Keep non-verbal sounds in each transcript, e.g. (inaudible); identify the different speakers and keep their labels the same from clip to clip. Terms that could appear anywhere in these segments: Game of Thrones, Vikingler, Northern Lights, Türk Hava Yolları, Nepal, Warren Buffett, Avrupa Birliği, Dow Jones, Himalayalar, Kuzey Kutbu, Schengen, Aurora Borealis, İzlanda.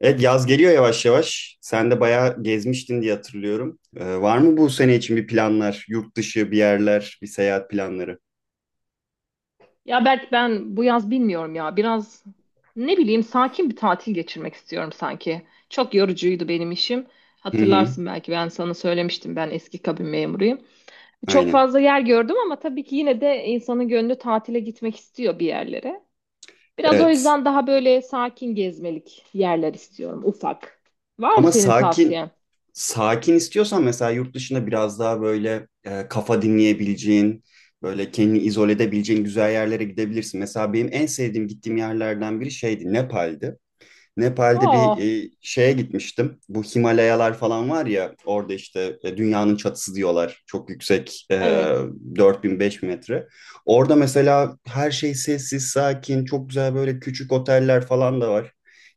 Speaker 1: Evet yaz geliyor yavaş yavaş. Sen de bayağı gezmiştin diye hatırlıyorum. Var mı bu sene için bir planlar? Yurt dışı bir yerler, bir seyahat planları?
Speaker 2: Ya Berk, ben bu yaz bilmiyorum ya. Biraz, ne bileyim, sakin bir tatil geçirmek istiyorum sanki. Çok yorucuydu benim işim.
Speaker 1: Hı hı,
Speaker 2: Hatırlarsın belki, ben sana söylemiştim, ben eski kabin memuruyum. Çok
Speaker 1: aynen.
Speaker 2: fazla yer gördüm ama tabii ki yine de insanın gönlü tatile gitmek istiyor bir yerlere. Biraz o
Speaker 1: Evet.
Speaker 2: yüzden daha böyle sakin gezmelik yerler istiyorum, ufak. Var mı
Speaker 1: Ama
Speaker 2: senin
Speaker 1: sakin
Speaker 2: tavsiyen?
Speaker 1: sakin istiyorsan mesela yurt dışında biraz daha böyle kafa dinleyebileceğin, böyle kendini izole edebileceğin güzel yerlere gidebilirsin. Mesela benim en sevdiğim gittiğim yerlerden biri şeydi, Nepal'di. Nepal'de
Speaker 2: Aa,
Speaker 1: bir şeye gitmiştim. Bu Himalayalar falan var ya orada işte dünyanın çatısı diyorlar. Çok yüksek
Speaker 2: evet.
Speaker 1: 4000-5000 metre. Orada mesela her şey sessiz, sakin, çok güzel böyle küçük oteller falan da var.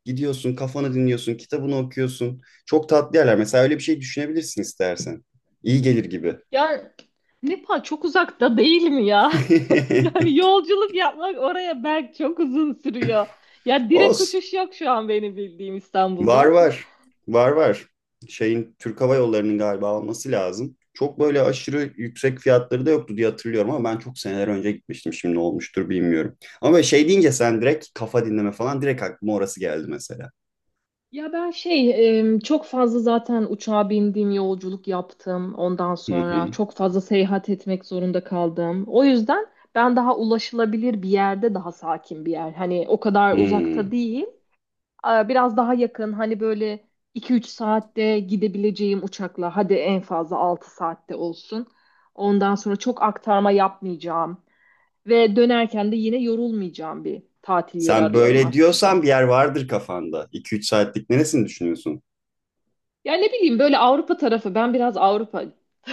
Speaker 1: Gidiyorsun, kafanı dinliyorsun, kitabını okuyorsun. Çok tatlı yerler. Mesela öyle bir şey düşünebilirsin istersen. İyi gelir gibi.
Speaker 2: Ya Nepal çok uzakta değil mi ya? (laughs) Yani yolculuk yapmak oraya belki çok uzun sürüyor. Ya
Speaker 1: (laughs)
Speaker 2: direkt
Speaker 1: Olsun.
Speaker 2: uçuş yok şu an benim bildiğim,
Speaker 1: Var
Speaker 2: İstanbul'dan.
Speaker 1: var. Var var. Şeyin Türk Hava Yolları'nın galiba alması lazım. Çok böyle aşırı yüksek fiyatları da yoktu diye hatırlıyorum ama ben çok seneler önce gitmiştim. Şimdi ne olmuştur bilmiyorum. Ama böyle şey deyince sen direkt kafa dinleme falan direkt aklıma orası geldi mesela.
Speaker 2: Ya ben şey, çok fazla zaten uçağa bindim, yolculuk yaptım. Ondan
Speaker 1: Hı
Speaker 2: sonra
Speaker 1: hı.
Speaker 2: çok fazla seyahat etmek zorunda kaldım. O yüzden ben daha ulaşılabilir bir yerde, daha sakin bir yer. Hani o kadar uzakta
Speaker 1: Hmm.
Speaker 2: değil. Biraz daha yakın, hani böyle 2-3 saatte gidebileceğim uçakla, hadi en fazla 6 saatte olsun. Ondan sonra çok aktarma yapmayacağım ve dönerken de yine yorulmayacağım bir tatil yeri
Speaker 1: Sen
Speaker 2: arıyorum
Speaker 1: böyle diyorsan bir
Speaker 2: aslında.
Speaker 1: yer vardır kafanda. iki üç saatlik neresini düşünüyorsun?
Speaker 2: Yani ne bileyim, böyle Avrupa tarafı, ben biraz Avrupa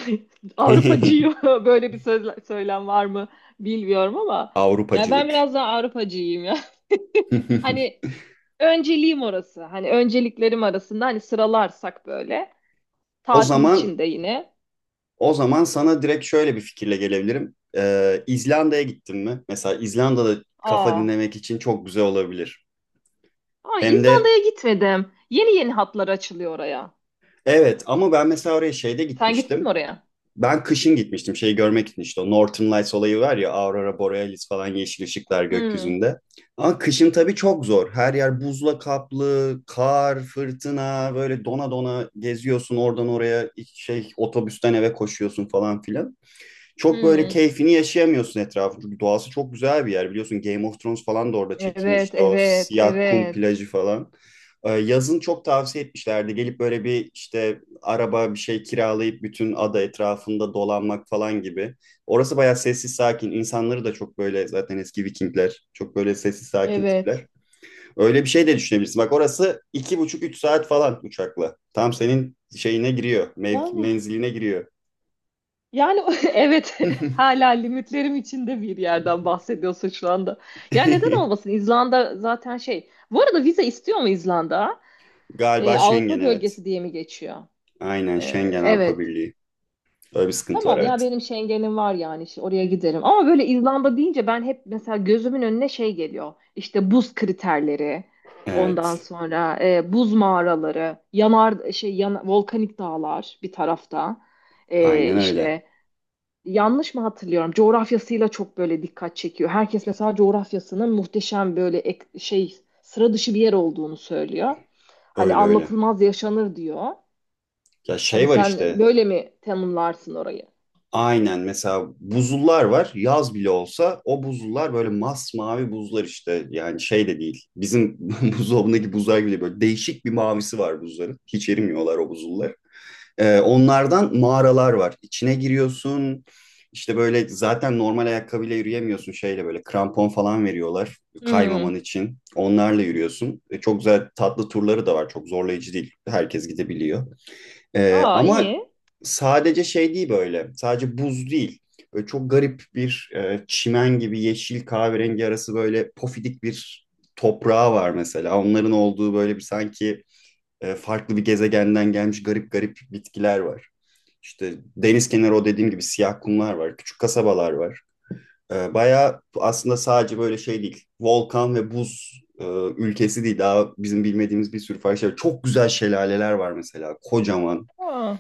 Speaker 2: (laughs) Avrupacıyım
Speaker 1: (laughs)
Speaker 2: (laughs) böyle bir söz, söylem var mı bilmiyorum ama, ya ben
Speaker 1: Avrupacılık.
Speaker 2: biraz daha Avrupacıyım ya. (laughs) Hani
Speaker 1: (laughs)
Speaker 2: önceliğim orası. Hani önceliklerim arasında, hani sıralarsak böyle,
Speaker 1: O
Speaker 2: tatil
Speaker 1: zaman
Speaker 2: için de yine.
Speaker 1: O zaman sana direkt şöyle bir fikirle gelebilirim. İzlanda'ya gittin mi? Mesela İzlanda'da kafa
Speaker 2: Aa,
Speaker 1: dinlemek için çok güzel olabilir.
Speaker 2: aa,
Speaker 1: Hem de
Speaker 2: İzlanda'ya gitmedim. Yeni yeni hatlar açılıyor oraya.
Speaker 1: evet ama ben mesela oraya şeyde
Speaker 2: Sen gittin mi
Speaker 1: gitmiştim.
Speaker 2: oraya?
Speaker 1: Ben kışın gitmiştim şeyi görmek için işte o Northern Lights olayı var ya Aurora Borealis falan yeşil ışıklar
Speaker 2: Hmm,
Speaker 1: gökyüzünde. Ama kışın tabii çok zor. Her yer buzla kaplı, kar, fırtına böyle dona dona geziyorsun oradan oraya şey otobüsten eve koşuyorsun falan filan. Çok böyle
Speaker 2: hmm.
Speaker 1: keyfini yaşayamıyorsun etrafı. Çünkü doğası çok güzel bir yer. Biliyorsun Game of Thrones falan da orada
Speaker 2: Evet,
Speaker 1: çekilmişti. O
Speaker 2: evet,
Speaker 1: siyah kum
Speaker 2: evet,
Speaker 1: plajı falan. Yazın çok tavsiye etmişlerdi. Gelip böyle bir işte araba bir şey kiralayıp bütün ada etrafında dolanmak falan gibi. Orası bayağı sessiz sakin. İnsanları da çok böyle zaten eski Vikingler. Çok böyle sessiz sakin
Speaker 2: evet.
Speaker 1: tipler. Öyle bir şey de düşünebilirsin. Bak orası iki buçuk üç saat falan uçakla. Tam senin şeyine giriyor.
Speaker 2: Yani,
Speaker 1: Menziline giriyor.
Speaker 2: yani (laughs) evet. (laughs) Hala limitlerim içinde bir yerden bahsediyorsun şu anda. Ya, neden
Speaker 1: (laughs)
Speaker 2: olmasın? İzlanda zaten şey. Bu arada vize istiyor mu İzlanda? Ee,
Speaker 1: Galiba
Speaker 2: Avrupa
Speaker 1: Schengen evet.
Speaker 2: bölgesi diye mi geçiyor?
Speaker 1: Aynen
Speaker 2: Ee,
Speaker 1: Schengen Avrupa
Speaker 2: evet.
Speaker 1: Birliği. Böyle bir sıkıntı var
Speaker 2: Tamam ya,
Speaker 1: evet.
Speaker 2: benim Schengen'im var, yani işte oraya giderim. Ama böyle İzlanda deyince ben hep mesela gözümün önüne şey geliyor. İşte buz kriterleri, ondan
Speaker 1: Evet.
Speaker 2: sonra buz mağaraları, yanar şey yan, volkanik dağlar bir tarafta.
Speaker 1: Aynen öyle.
Speaker 2: İşte yanlış mı hatırlıyorum? Coğrafyasıyla çok böyle dikkat çekiyor. Herkes mesela coğrafyasının muhteşem, böyle şey, sıra dışı bir yer olduğunu söylüyor. Hani
Speaker 1: Öyle öyle.
Speaker 2: anlatılmaz yaşanır diyor.
Speaker 1: Ya
Speaker 2: Hani
Speaker 1: şey var
Speaker 2: sen
Speaker 1: işte.
Speaker 2: böyle mi tanımlarsın orayı?
Speaker 1: Aynen mesela buzullar var. Yaz bile olsa o buzullar böyle masmavi buzlar işte. Yani şey de değil. Bizim (laughs) buzdolabındaki buzlar gibi böyle değişik bir mavisi var buzların. Hiç erimiyorlar o buzullar. Onlardan mağaralar var. İçine giriyorsun. İşte böyle zaten normal ayakkabıyla yürüyemiyorsun şeyle böyle krampon falan veriyorlar
Speaker 2: Hmm.
Speaker 1: kaymaman için. Onlarla yürüyorsun. Çok güzel tatlı turları da var. Çok zorlayıcı değil. Herkes gidebiliyor. Ee,
Speaker 2: Aa,
Speaker 1: ama
Speaker 2: iyi.
Speaker 1: sadece şey değil böyle. Sadece buz değil. Böyle çok garip bir çimen gibi yeşil kahverengi arası böyle pofidik bir toprağı var mesela. Onların olduğu böyle bir sanki farklı bir gezegenden gelmiş garip garip bitkiler var. İşte deniz kenarı o dediğim gibi siyah kumlar var, küçük kasabalar var. Bayağı aslında sadece böyle şey değil, volkan ve buz ülkesi değil. Daha bizim bilmediğimiz bir sürü farklı şey var. Çok güzel şelaleler var mesela, kocaman.
Speaker 2: Aa.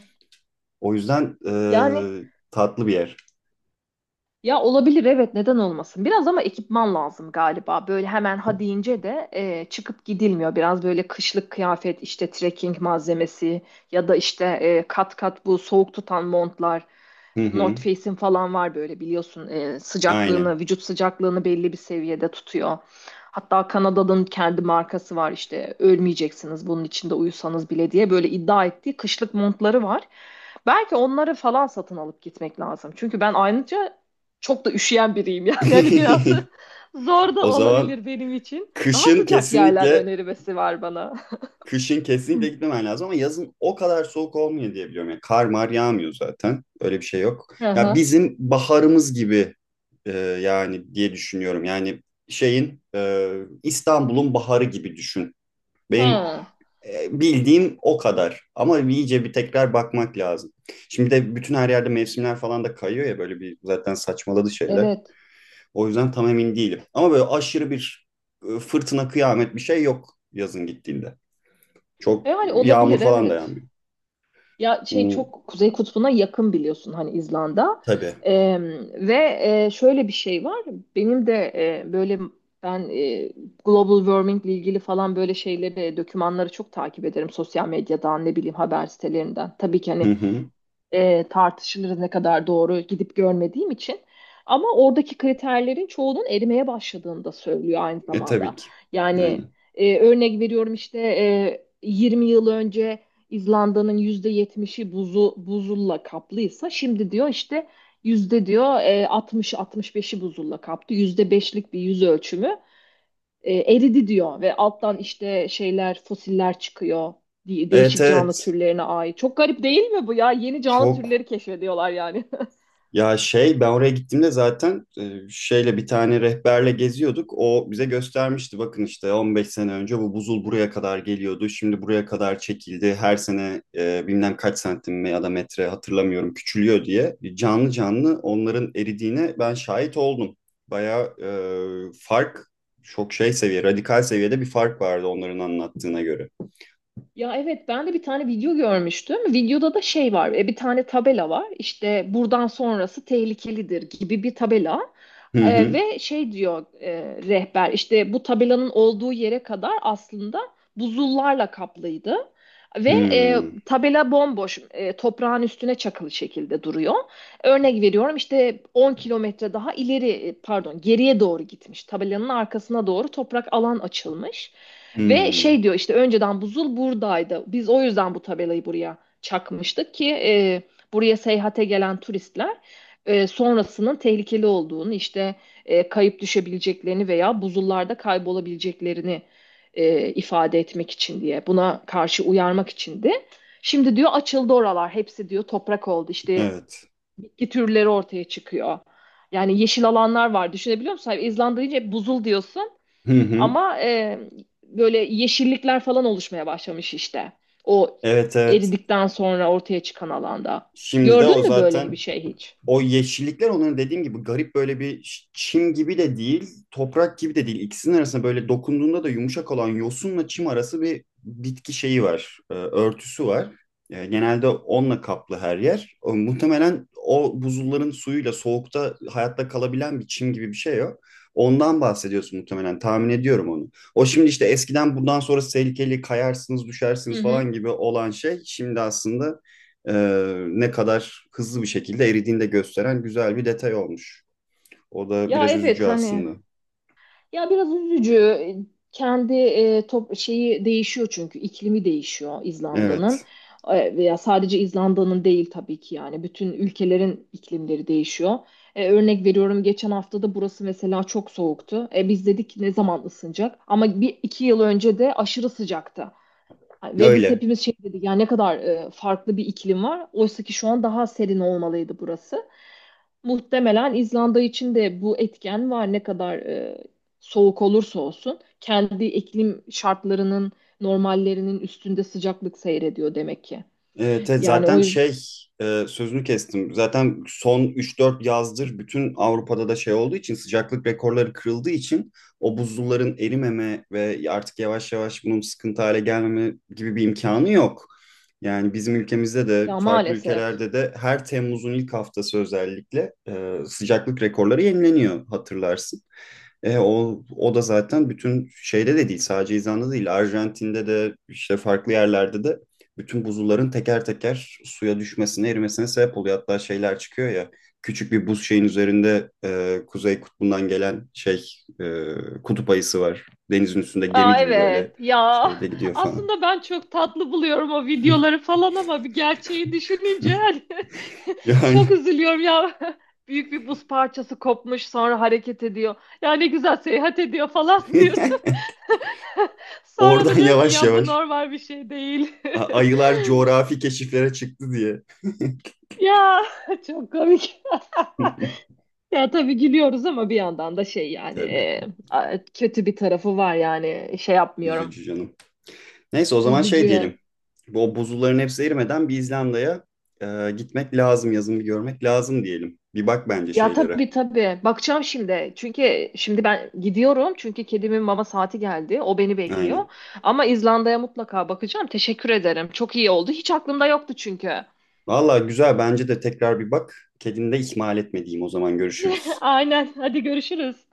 Speaker 1: O yüzden
Speaker 2: Yani,
Speaker 1: tatlı bir yer.
Speaker 2: ya, olabilir, evet, neden olmasın. Biraz ama ekipman lazım galiba. Böyle hemen ha deyince de çıkıp gidilmiyor. Biraz böyle kışlık kıyafet, işte trekking malzemesi ya da işte kat kat bu soğuk tutan montlar.
Speaker 1: Hı hı,
Speaker 2: North Face'in falan var böyle, biliyorsun,
Speaker 1: aynen.
Speaker 2: sıcaklığını, vücut sıcaklığını belli bir seviyede tutuyor. Hatta Kanada'nın kendi markası var işte, ölmeyeceksiniz bunun içinde uyusanız bile diye böyle iddia ettiği kışlık montları var. Belki onları falan satın alıp gitmek lazım. Çünkü ben ayrıca çok da üşüyen biriyim yani. (laughs) Hani biraz
Speaker 1: (laughs)
Speaker 2: zor da
Speaker 1: O zaman
Speaker 2: olabilir benim için. Daha
Speaker 1: kışın
Speaker 2: sıcak yerler
Speaker 1: kesinlikle
Speaker 2: önerilmesi var bana.
Speaker 1: kışın kesinlikle gitmemen lazım ama yazın o kadar soğuk olmuyor diye biliyorum. Yani kar mar yağmıyor zaten. Öyle bir şey yok.
Speaker 2: Hı
Speaker 1: Ya
Speaker 2: hı.
Speaker 1: bizim baharımız gibi yani diye düşünüyorum. Yani şeyin İstanbul'un baharı gibi düşün. Benim
Speaker 2: Ha,
Speaker 1: bildiğim o kadar. Ama iyice bir tekrar bakmak lazım. Şimdi de bütün her yerde mevsimler falan da kayıyor ya böyle bir zaten saçmaladı şeyler.
Speaker 2: evet.
Speaker 1: O yüzden tam emin değilim. Ama böyle aşırı bir fırtına kıyamet bir şey yok yazın gittiğinde. Çok
Speaker 2: Hani
Speaker 1: yağmur
Speaker 2: olabilir,
Speaker 1: falan da
Speaker 2: evet.
Speaker 1: yağmıyor.
Speaker 2: Ya şey,
Speaker 1: Hmm,
Speaker 2: çok Kuzey Kutbu'na yakın biliyorsun, hani, İzlanda.
Speaker 1: tabii.
Speaker 2: E, ve şöyle bir şey var. Benim de, böyle ben, global warming ile ilgili falan böyle şeyleri, dokümanları çok takip ederim, sosyal medyadan, ne bileyim, haber sitelerinden. Tabii ki hani,
Speaker 1: Hı hı.
Speaker 2: tartışılır ne kadar doğru, gidip görmediğim için. Ama oradaki kriterlerin çoğunun erimeye başladığını da söylüyor aynı
Speaker 1: E tabii
Speaker 2: zamanda.
Speaker 1: ki.
Speaker 2: Yani,
Speaker 1: Aynen.
Speaker 2: örnek veriyorum işte, 20 yıl önce İzlanda'nın %70'i buzu, buzulla kaplıysa, şimdi diyor işte yüzde diyor, 60-65'i buzulla kaplı. %5'lik bir yüz ölçümü eridi diyor, ve alttan işte şeyler, fosiller çıkıyor,
Speaker 1: Evet
Speaker 2: değişik canlı
Speaker 1: evet.
Speaker 2: türlerine ait. Çok garip değil mi bu ya? Yeni canlı
Speaker 1: Çok.
Speaker 2: türleri keşfediyorlar yani.
Speaker 1: Ya şey ben oraya gittiğimde zaten şeyle bir tane rehberle geziyorduk. O bize göstermişti bakın işte 15 sene önce bu buzul buraya kadar geliyordu. Şimdi buraya kadar çekildi. Her sene bilmem kaç santim ya da metre hatırlamıyorum küçülüyor diye. Canlı canlı onların eridiğine ben şahit oldum. Bayağı fark çok şey seviye radikal seviyede bir fark vardı onların anlattığına göre.
Speaker 2: Ya evet, ben de bir tane video görmüştüm. Videoda da şey var. Bir tane tabela var. İşte buradan sonrası tehlikelidir gibi bir tabela.
Speaker 1: Hı
Speaker 2: E,
Speaker 1: hı.
Speaker 2: ve şey diyor, rehber işte, bu tabelanın olduğu yere kadar aslında buzullarla kaplıydı. Ve
Speaker 1: Hmm.
Speaker 2: tabela bomboş, toprağın üstüne çakılı şekilde duruyor. Örnek veriyorum işte, 10 kilometre daha ileri, pardon, geriye doğru gitmiş. Tabelanın arkasına doğru toprak alan açılmış. Ve
Speaker 1: Hmm.
Speaker 2: şey diyor işte, önceden buzul buradaydı. Biz o yüzden bu tabelayı buraya çakmıştık ki buraya seyahate gelen turistler, sonrasının tehlikeli olduğunu, işte kayıp düşebileceklerini veya buzullarda kaybolabileceklerini ifade etmek için diye, buna karşı uyarmak içindi. Şimdi diyor, açıldı oralar hepsi, diyor toprak oldu işte,
Speaker 1: Evet.
Speaker 2: bitki türleri ortaya çıkıyor. Yani yeşil alanlar var, düşünebiliyor musun? İzlanda deyince hep buzul diyorsun.
Speaker 1: Hı hı.
Speaker 2: Ama böyle yeşillikler falan oluşmaya başlamış işte. O
Speaker 1: Evet evet.
Speaker 2: eridikten sonra ortaya çıkan alanda.
Speaker 1: Şimdi de o
Speaker 2: Gördün mü böyle bir
Speaker 1: zaten
Speaker 2: şey hiç?
Speaker 1: o yeşillikler onların dediğim gibi garip böyle bir çim gibi de değil, toprak gibi de değil. İkisinin arasında böyle dokunduğunda da yumuşak olan yosunla çim arası bir bitki şeyi var, örtüsü var. Genelde onunla kaplı her yer. O, muhtemelen o buzulların suyuyla soğukta hayatta kalabilen bir çim gibi bir şey o. Ondan bahsediyorsun muhtemelen. Tahmin ediyorum onu. O şimdi işte eskiden bundan sonra tehlikeli kayarsınız,
Speaker 2: Hı
Speaker 1: düşersiniz
Speaker 2: hı.
Speaker 1: falan gibi olan şey şimdi aslında e, ne kadar hızlı bir şekilde eridiğini de gösteren güzel bir detay olmuş. O da
Speaker 2: Ya
Speaker 1: biraz üzücü
Speaker 2: evet hani,
Speaker 1: aslında.
Speaker 2: ya biraz üzücü. Kendi top şeyi değişiyor, çünkü iklimi değişiyor
Speaker 1: Evet,
Speaker 2: İzlanda'nın. Veya sadece İzlanda'nın değil tabii ki, yani bütün ülkelerin iklimleri değişiyor. Örnek veriyorum, geçen hafta da burası mesela çok soğuktu. Biz dedik ki, ne zaman ısınacak? Ama 1-2 yıl önce de aşırı sıcaktı. Ve biz
Speaker 1: öyle.
Speaker 2: hepimiz şey dedik ya, ne kadar, farklı bir iklim var. Oysa ki şu an daha serin olmalıydı burası. Muhtemelen İzlanda için de bu etken var. Ne kadar soğuk olursa olsun, kendi iklim şartlarının normallerinin üstünde sıcaklık seyrediyor demek ki.
Speaker 1: Evet, evet,
Speaker 2: Yani o
Speaker 1: zaten
Speaker 2: yüzden,
Speaker 1: şey sözünü kestim. Zaten son üç dört yazdır bütün Avrupa'da da şey olduğu için sıcaklık rekorları kırıldığı için o buzulların erimeme ve artık yavaş yavaş bunun sıkıntı hale gelmeme gibi bir imkanı yok. Yani bizim ülkemizde de
Speaker 2: ya,
Speaker 1: farklı
Speaker 2: maalesef.
Speaker 1: ülkelerde de her Temmuz'un ilk haftası özellikle sıcaklık rekorları yenileniyor hatırlarsın. O da zaten bütün şeyde de değil sadece İzlanda değil Arjantin'de de işte farklı yerlerde de bütün buzulların teker teker suya düşmesine erimesine sebep oluyor. Hatta şeyler çıkıyor ya küçük bir buz şeyin üzerinde Kuzey Kutbu'ndan gelen şey e, kutup ayısı var. Denizin üstünde gemi
Speaker 2: Aa,
Speaker 1: gibi böyle
Speaker 2: evet ya,
Speaker 1: şeyde gidiyor
Speaker 2: (laughs)
Speaker 1: falan.
Speaker 2: aslında ben çok tatlı buluyorum o videoları falan, ama bir gerçeği düşününce, hani, (laughs)
Speaker 1: Yani
Speaker 2: çok üzülüyorum ya. (laughs) Büyük bir buz parçası kopmuş, sonra hareket ediyor. Ya, ne güzel seyahat ediyor falan. (laughs)
Speaker 1: (laughs)
Speaker 2: Sonra
Speaker 1: oradan
Speaker 2: da diyor ki,
Speaker 1: yavaş
Speaker 2: ya bu
Speaker 1: yavaş
Speaker 2: normal bir şey değil. (laughs)
Speaker 1: ayılar coğrafi keşiflere çıktı diye.
Speaker 2: Ya çok komik. (laughs)
Speaker 1: (laughs)
Speaker 2: Ya tabii, gülüyoruz ama bir yandan da şey yani,
Speaker 1: Tabii
Speaker 2: kötü bir tarafı var yani, şey yapmıyorum.
Speaker 1: üzücü canım. Neyse o zaman şey
Speaker 2: Üzücü.
Speaker 1: diyelim. Bu o buzulların hepsi erimeden bir İzlanda'ya gitmek lazım, yazın bir görmek lazım diyelim. Bir bak bence
Speaker 2: Ya
Speaker 1: şeylere.
Speaker 2: tabii tabii, bakacağım şimdi. Çünkü şimdi ben gidiyorum, çünkü kedimin mama saati geldi. O beni bekliyor.
Speaker 1: Aynen.
Speaker 2: Ama İzlanda'ya mutlaka bakacağım. Teşekkür ederim. Çok iyi oldu. Hiç aklımda yoktu çünkü.
Speaker 1: Valla güzel bence de tekrar bir bak. Kedini de ihmal etmediğim o zaman görüşürüz.
Speaker 2: (laughs) Aynen. Hadi görüşürüz.